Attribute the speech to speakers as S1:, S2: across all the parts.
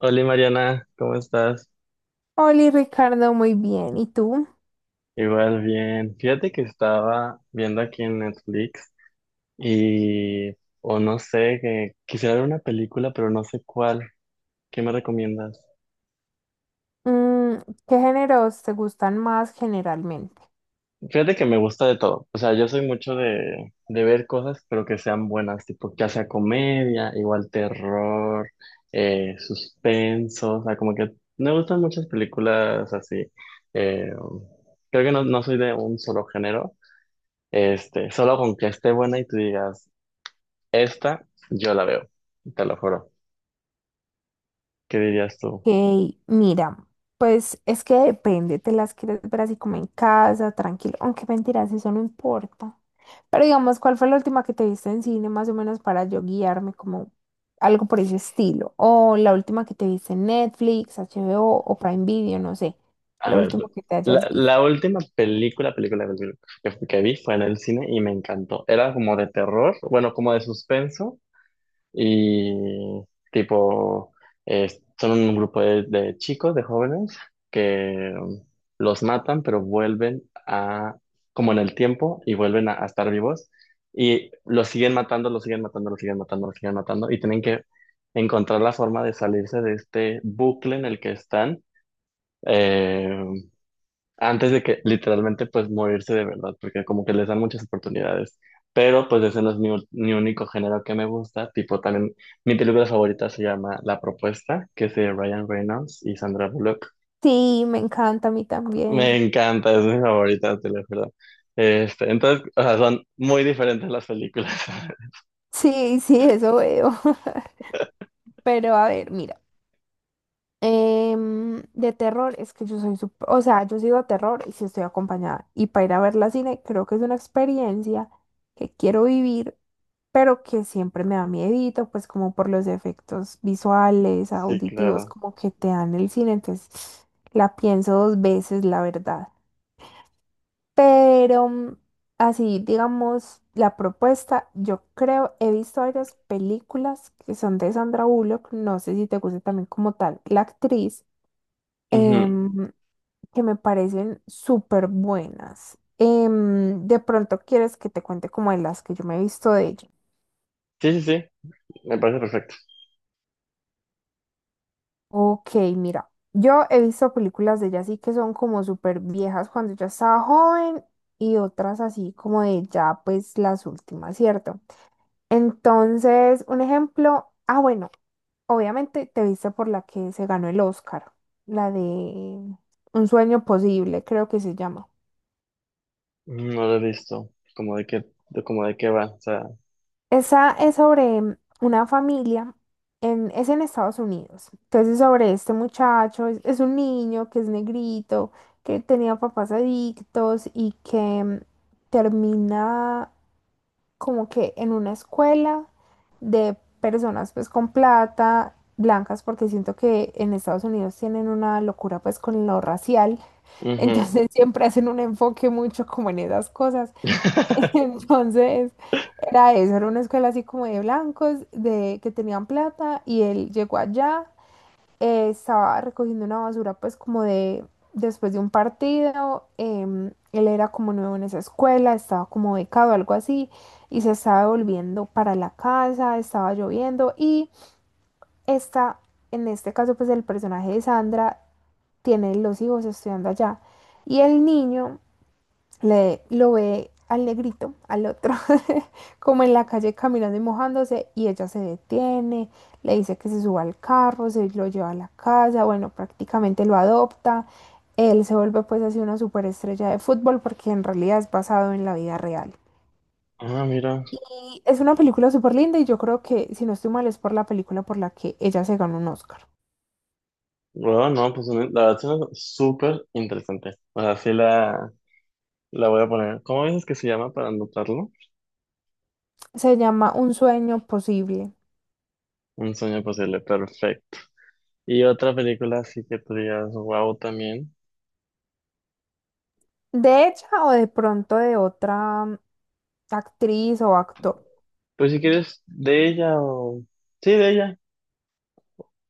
S1: Hola Mariana, ¿cómo estás?
S2: Hola Ricardo, muy bien. ¿Y tú?
S1: Igual bien. Fíjate que estaba viendo aquí en Netflix y, o no sé, que quisiera ver una película, pero no sé cuál. ¿Qué me recomiendas?
S2: Mm, ¿Qué géneros te gustan más generalmente?
S1: Fíjate que me gusta de todo. O sea, yo soy mucho de ver cosas, pero que sean buenas, tipo, ya sea comedia, igual terror, suspenso. O sea, como que me gustan muchas películas así. Eh, creo que no soy de un solo género. Este, solo con que esté buena y tú digas, esta, yo la veo, te lo juro. ¿Qué dirías tú?
S2: Hey, mira, pues es que depende, te las quieres ver así como en casa, tranquilo, aunque mentiras, eso no importa. Pero digamos, ¿cuál fue la última que te viste en cine más o menos para yo guiarme como algo por ese estilo? O la última que te viste en Netflix, HBO o Prime Video, no sé,
S1: A
S2: la
S1: ver,
S2: última que te
S1: la,
S2: hayas visto.
S1: la última película que vi fue en el cine y me encantó. Era como de terror, bueno, como de suspenso. Y tipo, son un grupo de chicos, de jóvenes, que los matan, pero vuelven a, como en el tiempo, y vuelven a estar vivos. Y los siguen matando, los siguen matando, los siguen matando, los siguen matando. Y tienen que encontrar la forma de salirse de este bucle en el que están. eh, antes de que literalmente pues morirse de verdad, porque como que les dan muchas oportunidades. Pero pues ese no es mi único género que me gusta, tipo también mi película favorita se llama La Propuesta, que es de Ryan Reynolds y Sandra Bullock.
S2: Sí, me encanta a mí
S1: Me
S2: también.
S1: encanta, es mi favorita, te lo juro. Este, entonces, o sea, son muy diferentes las películas.
S2: Sí, sí, eso veo. Pero a ver, mira, de terror es que yo soy súper, o sea, yo sigo a terror y si estoy acompañada. Y para ir a ver la cine, creo que es una experiencia que quiero vivir, pero que siempre me da miedito, pues como por los efectos visuales,
S1: Sí,
S2: auditivos,
S1: claro.
S2: como que te dan el cine. Entonces, la pienso dos veces, la verdad. Pero así, digamos, la propuesta, yo creo, he visto varias películas que son de Sandra Bullock, no sé si te gusta también como tal la actriz,
S1: Ujú.
S2: em, que me parecen súper buenas. De pronto quieres que te cuente como de las que yo me he visto de ella.
S1: Sí, sí, sí, me parece perfecto.
S2: Ok, mira, yo he visto películas de ella así que son como súper viejas cuando yo estaba joven y otras así como de ya pues las últimas, ¿cierto? Entonces, un ejemplo, ah, bueno, obviamente te viste por la que se ganó el Oscar, la de Un sueño posible, creo que se llama.
S1: No lo he visto, como de qué, de como de qué va, o sea.
S2: Esa es sobre una familia, es en Estados Unidos. Entonces, sobre este muchacho, es un niño que es negrito, que tenía papás adictos y que termina como que en una escuela de personas pues con plata, blancas, porque siento que en Estados Unidos tienen una locura pues con lo racial,
S1: Ujú.
S2: entonces siempre hacen un enfoque mucho como en esas cosas. Entonces era eso, era una escuela así como de blancos, de que tenían plata y él llegó allá estaba recogiendo una basura pues como de después de un partido, él era como nuevo en esa escuela, estaba como becado, algo así, y se estaba devolviendo para la casa, estaba lloviendo y esta, en este caso pues el personaje de Sandra tiene los hijos estudiando allá y el niño lo ve al negrito, al otro, como en la calle caminando y mojándose, y ella se detiene, le dice que se suba al carro, se lo lleva a la casa, bueno, prácticamente lo adopta, él se vuelve pues así una superestrella de fútbol porque en realidad es basado en la vida real.
S1: Ah, mira.
S2: Y es una película súper linda y yo creo que, si no estoy mal, es por la película por la que ella se ganó un Oscar.
S1: Bueno, no, pues la verdad suena súper interesante. O sea, la voy a poner. ¿Cómo dices que se llama para anotarlo?
S2: Se llama Un sueño posible.
S1: Un sueño posible, perfecto. Y otra película así que tú digas, wow, también.
S2: De ella o de pronto de otra actriz o actor.
S1: Pues si quieres, de ella o... Sí, de ella.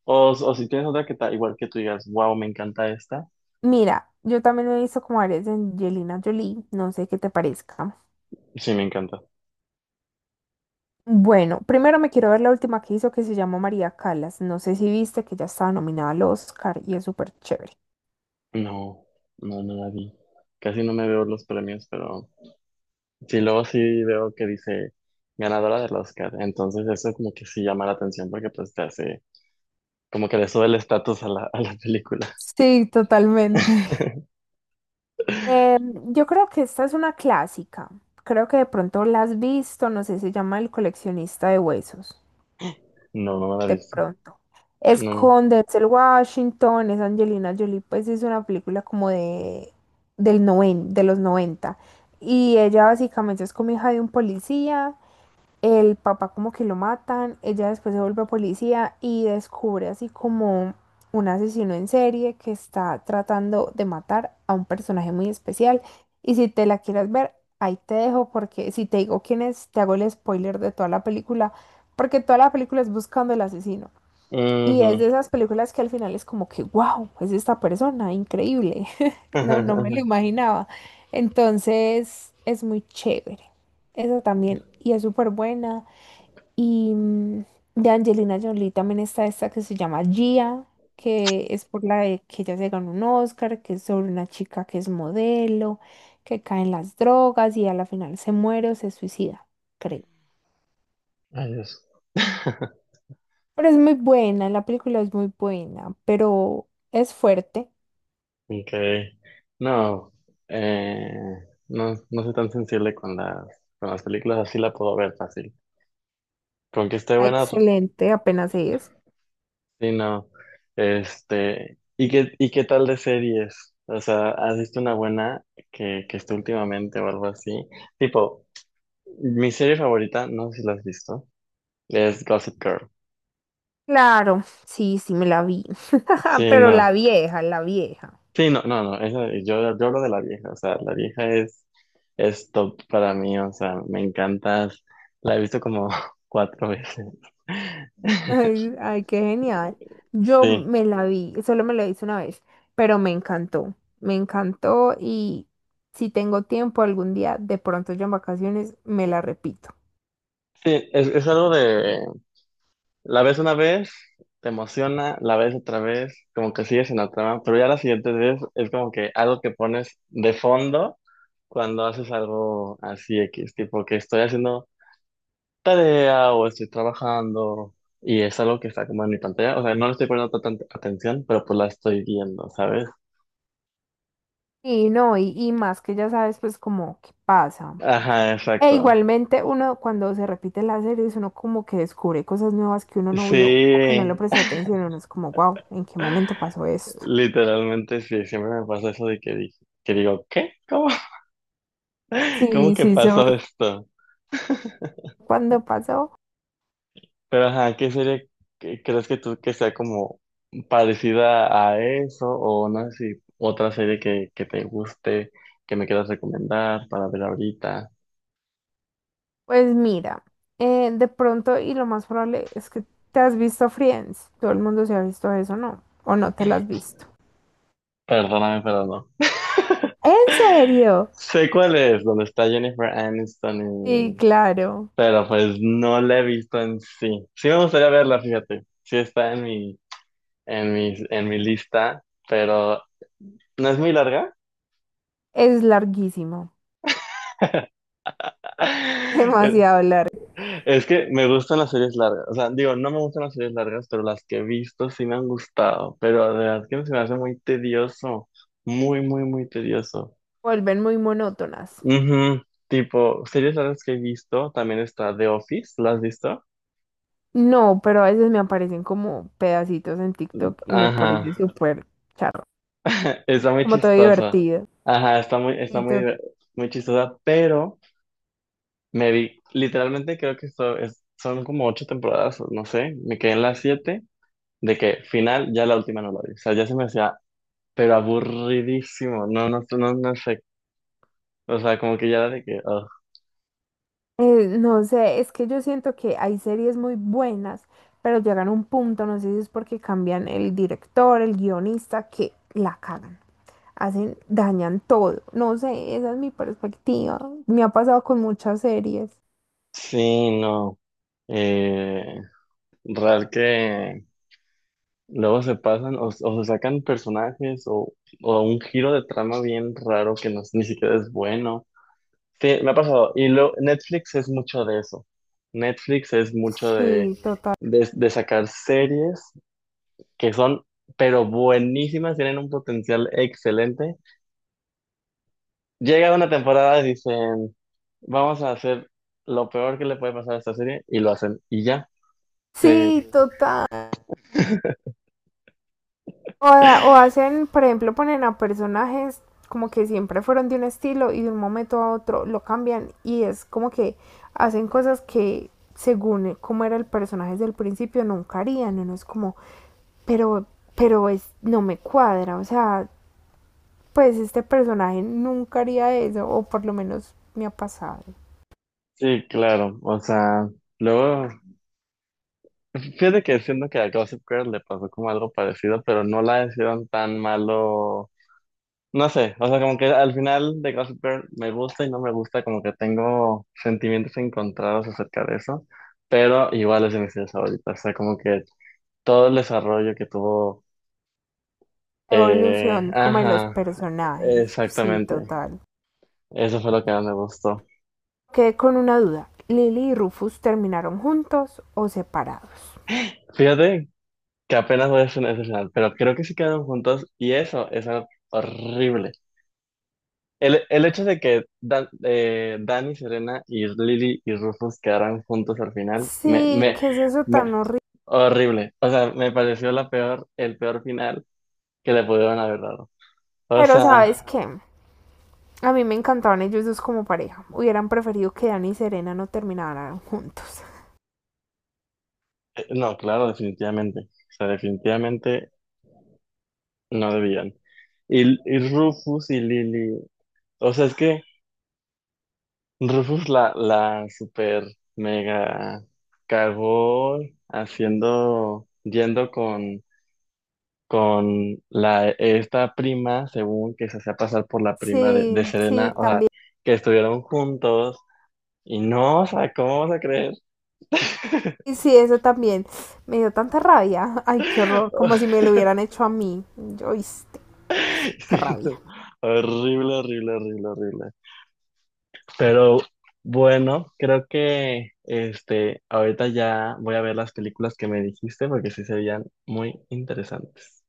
S1: O si tienes otra que está igual que tú digas, wow, me encanta esta.
S2: Mira, yo también he visto como varias de Angelina Jolie, no sé qué te parezca.
S1: Sí, me encanta.
S2: Bueno, primero me quiero ver la última que hizo que se llama María Callas. No sé si viste que ya estaba nominada al Oscar y es súper chévere.
S1: No, no, no la vi. Casi no me veo los premios, pero sí, luego sí veo que dice ganadora del Oscar. Entonces eso como que sí llama la atención porque pues te hace. Como que le sube el estatus a la película.
S2: Sí, totalmente. Eh, yo creo que esta es una clásica. Creo que de pronto la has visto, no sé, se llama El coleccionista de huesos.
S1: No, no me la
S2: De
S1: he visto.
S2: pronto. Es
S1: No.
S2: con Denzel Washington, es Angelina Jolie, pues es una película como de, del noven, de los noventa. Y ella básicamente es como hija de un policía, el papá como que lo matan, ella después se vuelve policía y descubre así como un asesino en serie que está tratando de matar a un personaje muy especial. Y si te la quieres ver, ahí te dejo porque si te digo quién es, te hago el spoiler de toda la película, porque toda la película es buscando el asesino. Y es
S1: Ujú.
S2: de esas películas que al final es como que, wow, es esta persona, increíble. No, no me lo imaginaba. Entonces es muy chévere. Esa también. Y es súper buena. Y de Angelina Jolie también está esta que se llama Gia, que es por la de que ella se ganó un Oscar, que es sobre una chica que es modelo, que cae en las drogas y a la final se muere o se suicida, creo.
S1: Ay, Dios.
S2: Pero es muy buena, la película es muy buena, pero es fuerte.
S1: Ok. No, eh, no, no soy tan sensible con con las películas, así la puedo ver fácil. Con que esté
S2: Ah,
S1: buena, pues,
S2: excelente, apenas es.
S1: sí, no. Este, ¿y y qué tal de series? O sea, ¿has visto una buena que esté últimamente o algo así? Tipo, mi serie favorita, no sé si la has visto, es Gossip Girl.
S2: Claro, sí, sí, me la vi.
S1: Sí,
S2: Pero la
S1: no.
S2: vieja, la vieja.
S1: Sí, no, no, no, yo hablo de la vieja, o sea, la vieja es top para mí, o sea, me encanta, la he visto como cuatro veces.
S2: Ay, ay, qué genial. Yo
S1: Sí,
S2: me la vi, solo me la hice una vez, pero me encantó. Me encantó y si tengo tiempo algún día, de pronto ya en vacaciones, me la repito.
S1: sí, es algo de, la ves una vez, te emociona, la ves otra vez, como que sigues en la trama, pero ya la siguiente vez es como que algo que pones de fondo cuando haces algo así X, tipo que estoy haciendo tarea o estoy trabajando y es algo que está como en mi pantalla. O sea, no le estoy poniendo tanta atención, pero pues la estoy viendo, ¿sabes?
S2: Y no, y más que ya sabes pues como qué pasa.
S1: Ajá,
S2: E
S1: exacto.
S2: igualmente uno cuando se repite las series uno como que descubre cosas nuevas que uno no
S1: Sí,
S2: vio o que no le prestó atención, uno es como, wow, ¿en qué momento pasó esto?
S1: literalmente sí, siempre me pasa eso de que digo, ¿qué? ¿Cómo?
S2: Sí,
S1: ¿Cómo que
S2: sí, sí.
S1: pasó
S2: Soy.
S1: esto?
S2: ¿Cuándo pasó?
S1: Pero ajá, ¿qué crees que tú que sea como parecida a eso? O no sé si otra serie que te guste, que me quieras recomendar para ver ahorita.
S2: Pues mira, de pronto y lo más probable es que te has visto Friends. Todo el mundo se ha visto eso, ¿no? ¿O no te lo has visto?
S1: Perdóname, pero no.
S2: ¿En serio?
S1: Sé cuál es, donde está Jennifer
S2: Sí,
S1: Aniston y...
S2: claro.
S1: Pero pues no la he visto en sí. Sí me gustaría verla, fíjate. Sí está en en mi lista, pero no es muy larga.
S2: Es larguísimo,
S1: Es
S2: demasiado largo.
S1: es que me gustan las series largas. O sea, digo, no me gustan las series largas, pero las que he visto sí me han gustado. Pero de verdad que se me hace muy tedioso. Muy, muy, muy tedioso.
S2: Vuelven muy monótonas.
S1: Ujú. Tipo, series largas que he visto, también está The Office, ¿la has visto?
S2: No, pero a veces me aparecen como pedacitos en TikTok y me parece
S1: Ajá,
S2: súper charro,
S1: está muy
S2: como todo
S1: chistosa.
S2: divertido.
S1: Ajá, está
S2: Y to-
S1: muy, muy chistosa, pero me vi, literalmente creo que son como ocho temporadas, o no sé, me quedé en las siete, de que final, ya la última no la vi. O sea, ya se me hacía, pero aburridísimo, no, no, no, no sé. O sea, como que ya era de que, ugh.
S2: no sé, es que yo siento que hay series muy buenas, pero llegan a un punto, no sé si es porque cambian el director, el guionista, que la cagan, hacen, dañan todo. No sé, esa es mi perspectiva. Me ha pasado con muchas series.
S1: Sí, no. Eh, real que luego se pasan o se sacan personajes o un giro de trama bien raro que no, ni siquiera es bueno. Sí, me ha pasado. Y lo, Netflix es mucho de eso. Netflix es mucho
S2: Sí, total.
S1: de sacar series que son, pero buenísimas, tienen un potencial excelente. Llega una temporada y dicen, vamos a hacer lo peor que le puede pasar a esta serie, y lo hacen, y ya. Sí,
S2: Sí, total. O hacen, por ejemplo, ponen a personajes como que siempre fueron de un estilo y de un momento a otro lo cambian y es como que hacen cosas que según cómo era el personaje desde el principio nunca harían. Uno es como, pero, pero es, no me cuadra. O sea, pues este personaje nunca haría eso o por lo menos me ha pasado.
S1: sí, claro. O sea, luego, fíjate que siento que a Gossip Girl le pasó como algo parecido, pero no la hicieron tan malo. No sé, o sea, como que al final de Gossip Girl me gusta y no me gusta, como que tengo sentimientos encontrados acerca de eso, pero igual es de mis series favoritas, o sea, como que todo el desarrollo que tuvo,
S2: Evolución como de los
S1: ajá,
S2: personajes. Sí,
S1: exactamente,
S2: total.
S1: eso fue lo que más me gustó.
S2: Quedé con una duda. ¿Lily y Rufus terminaron juntos o separados?
S1: Fíjate que apenas voy a hacer ese final, pero creo que sí quedaron juntos y eso es algo horrible. El hecho de que Dani, Serena y Lily y Rufus quedaran juntos al final,
S2: Sí, qué es eso
S1: me-
S2: tan horrible.
S1: horrible. O sea, me pareció el peor final que le pudieron haber dado. O
S2: Pero sabes
S1: sea,
S2: qué, a mí me encantaban ellos dos como pareja. Hubieran preferido que Dani y Serena no terminaran juntos.
S1: no, claro, definitivamente. O sea, definitivamente no debían. Y Rufus y Lily. O sea, es que Rufus la super mega cagó haciendo, yendo con la, esta prima, según que se hacía pasar por la prima de
S2: Sí, sí,
S1: Serena. O sea,
S2: también.
S1: que estuvieron juntos. Y no, o sea, ¿cómo vas a creer?
S2: Y sí, eso también. Me dio tanta rabia. Ay, qué horror. Como si me lo hubieran hecho a mí. Oíste, qué
S1: Sí,
S2: rabia.
S1: horrible, horrible, horrible, horrible. Pero bueno, creo que este, ahorita ya voy a ver las películas que me dijiste porque sí serían muy interesantes.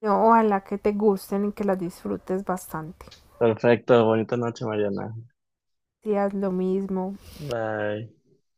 S2: No, ojalá que te gusten y que las disfrutes bastante.
S1: Perfecto, bonita noche, Mariana.
S2: Si haz lo mismo,
S1: Bye.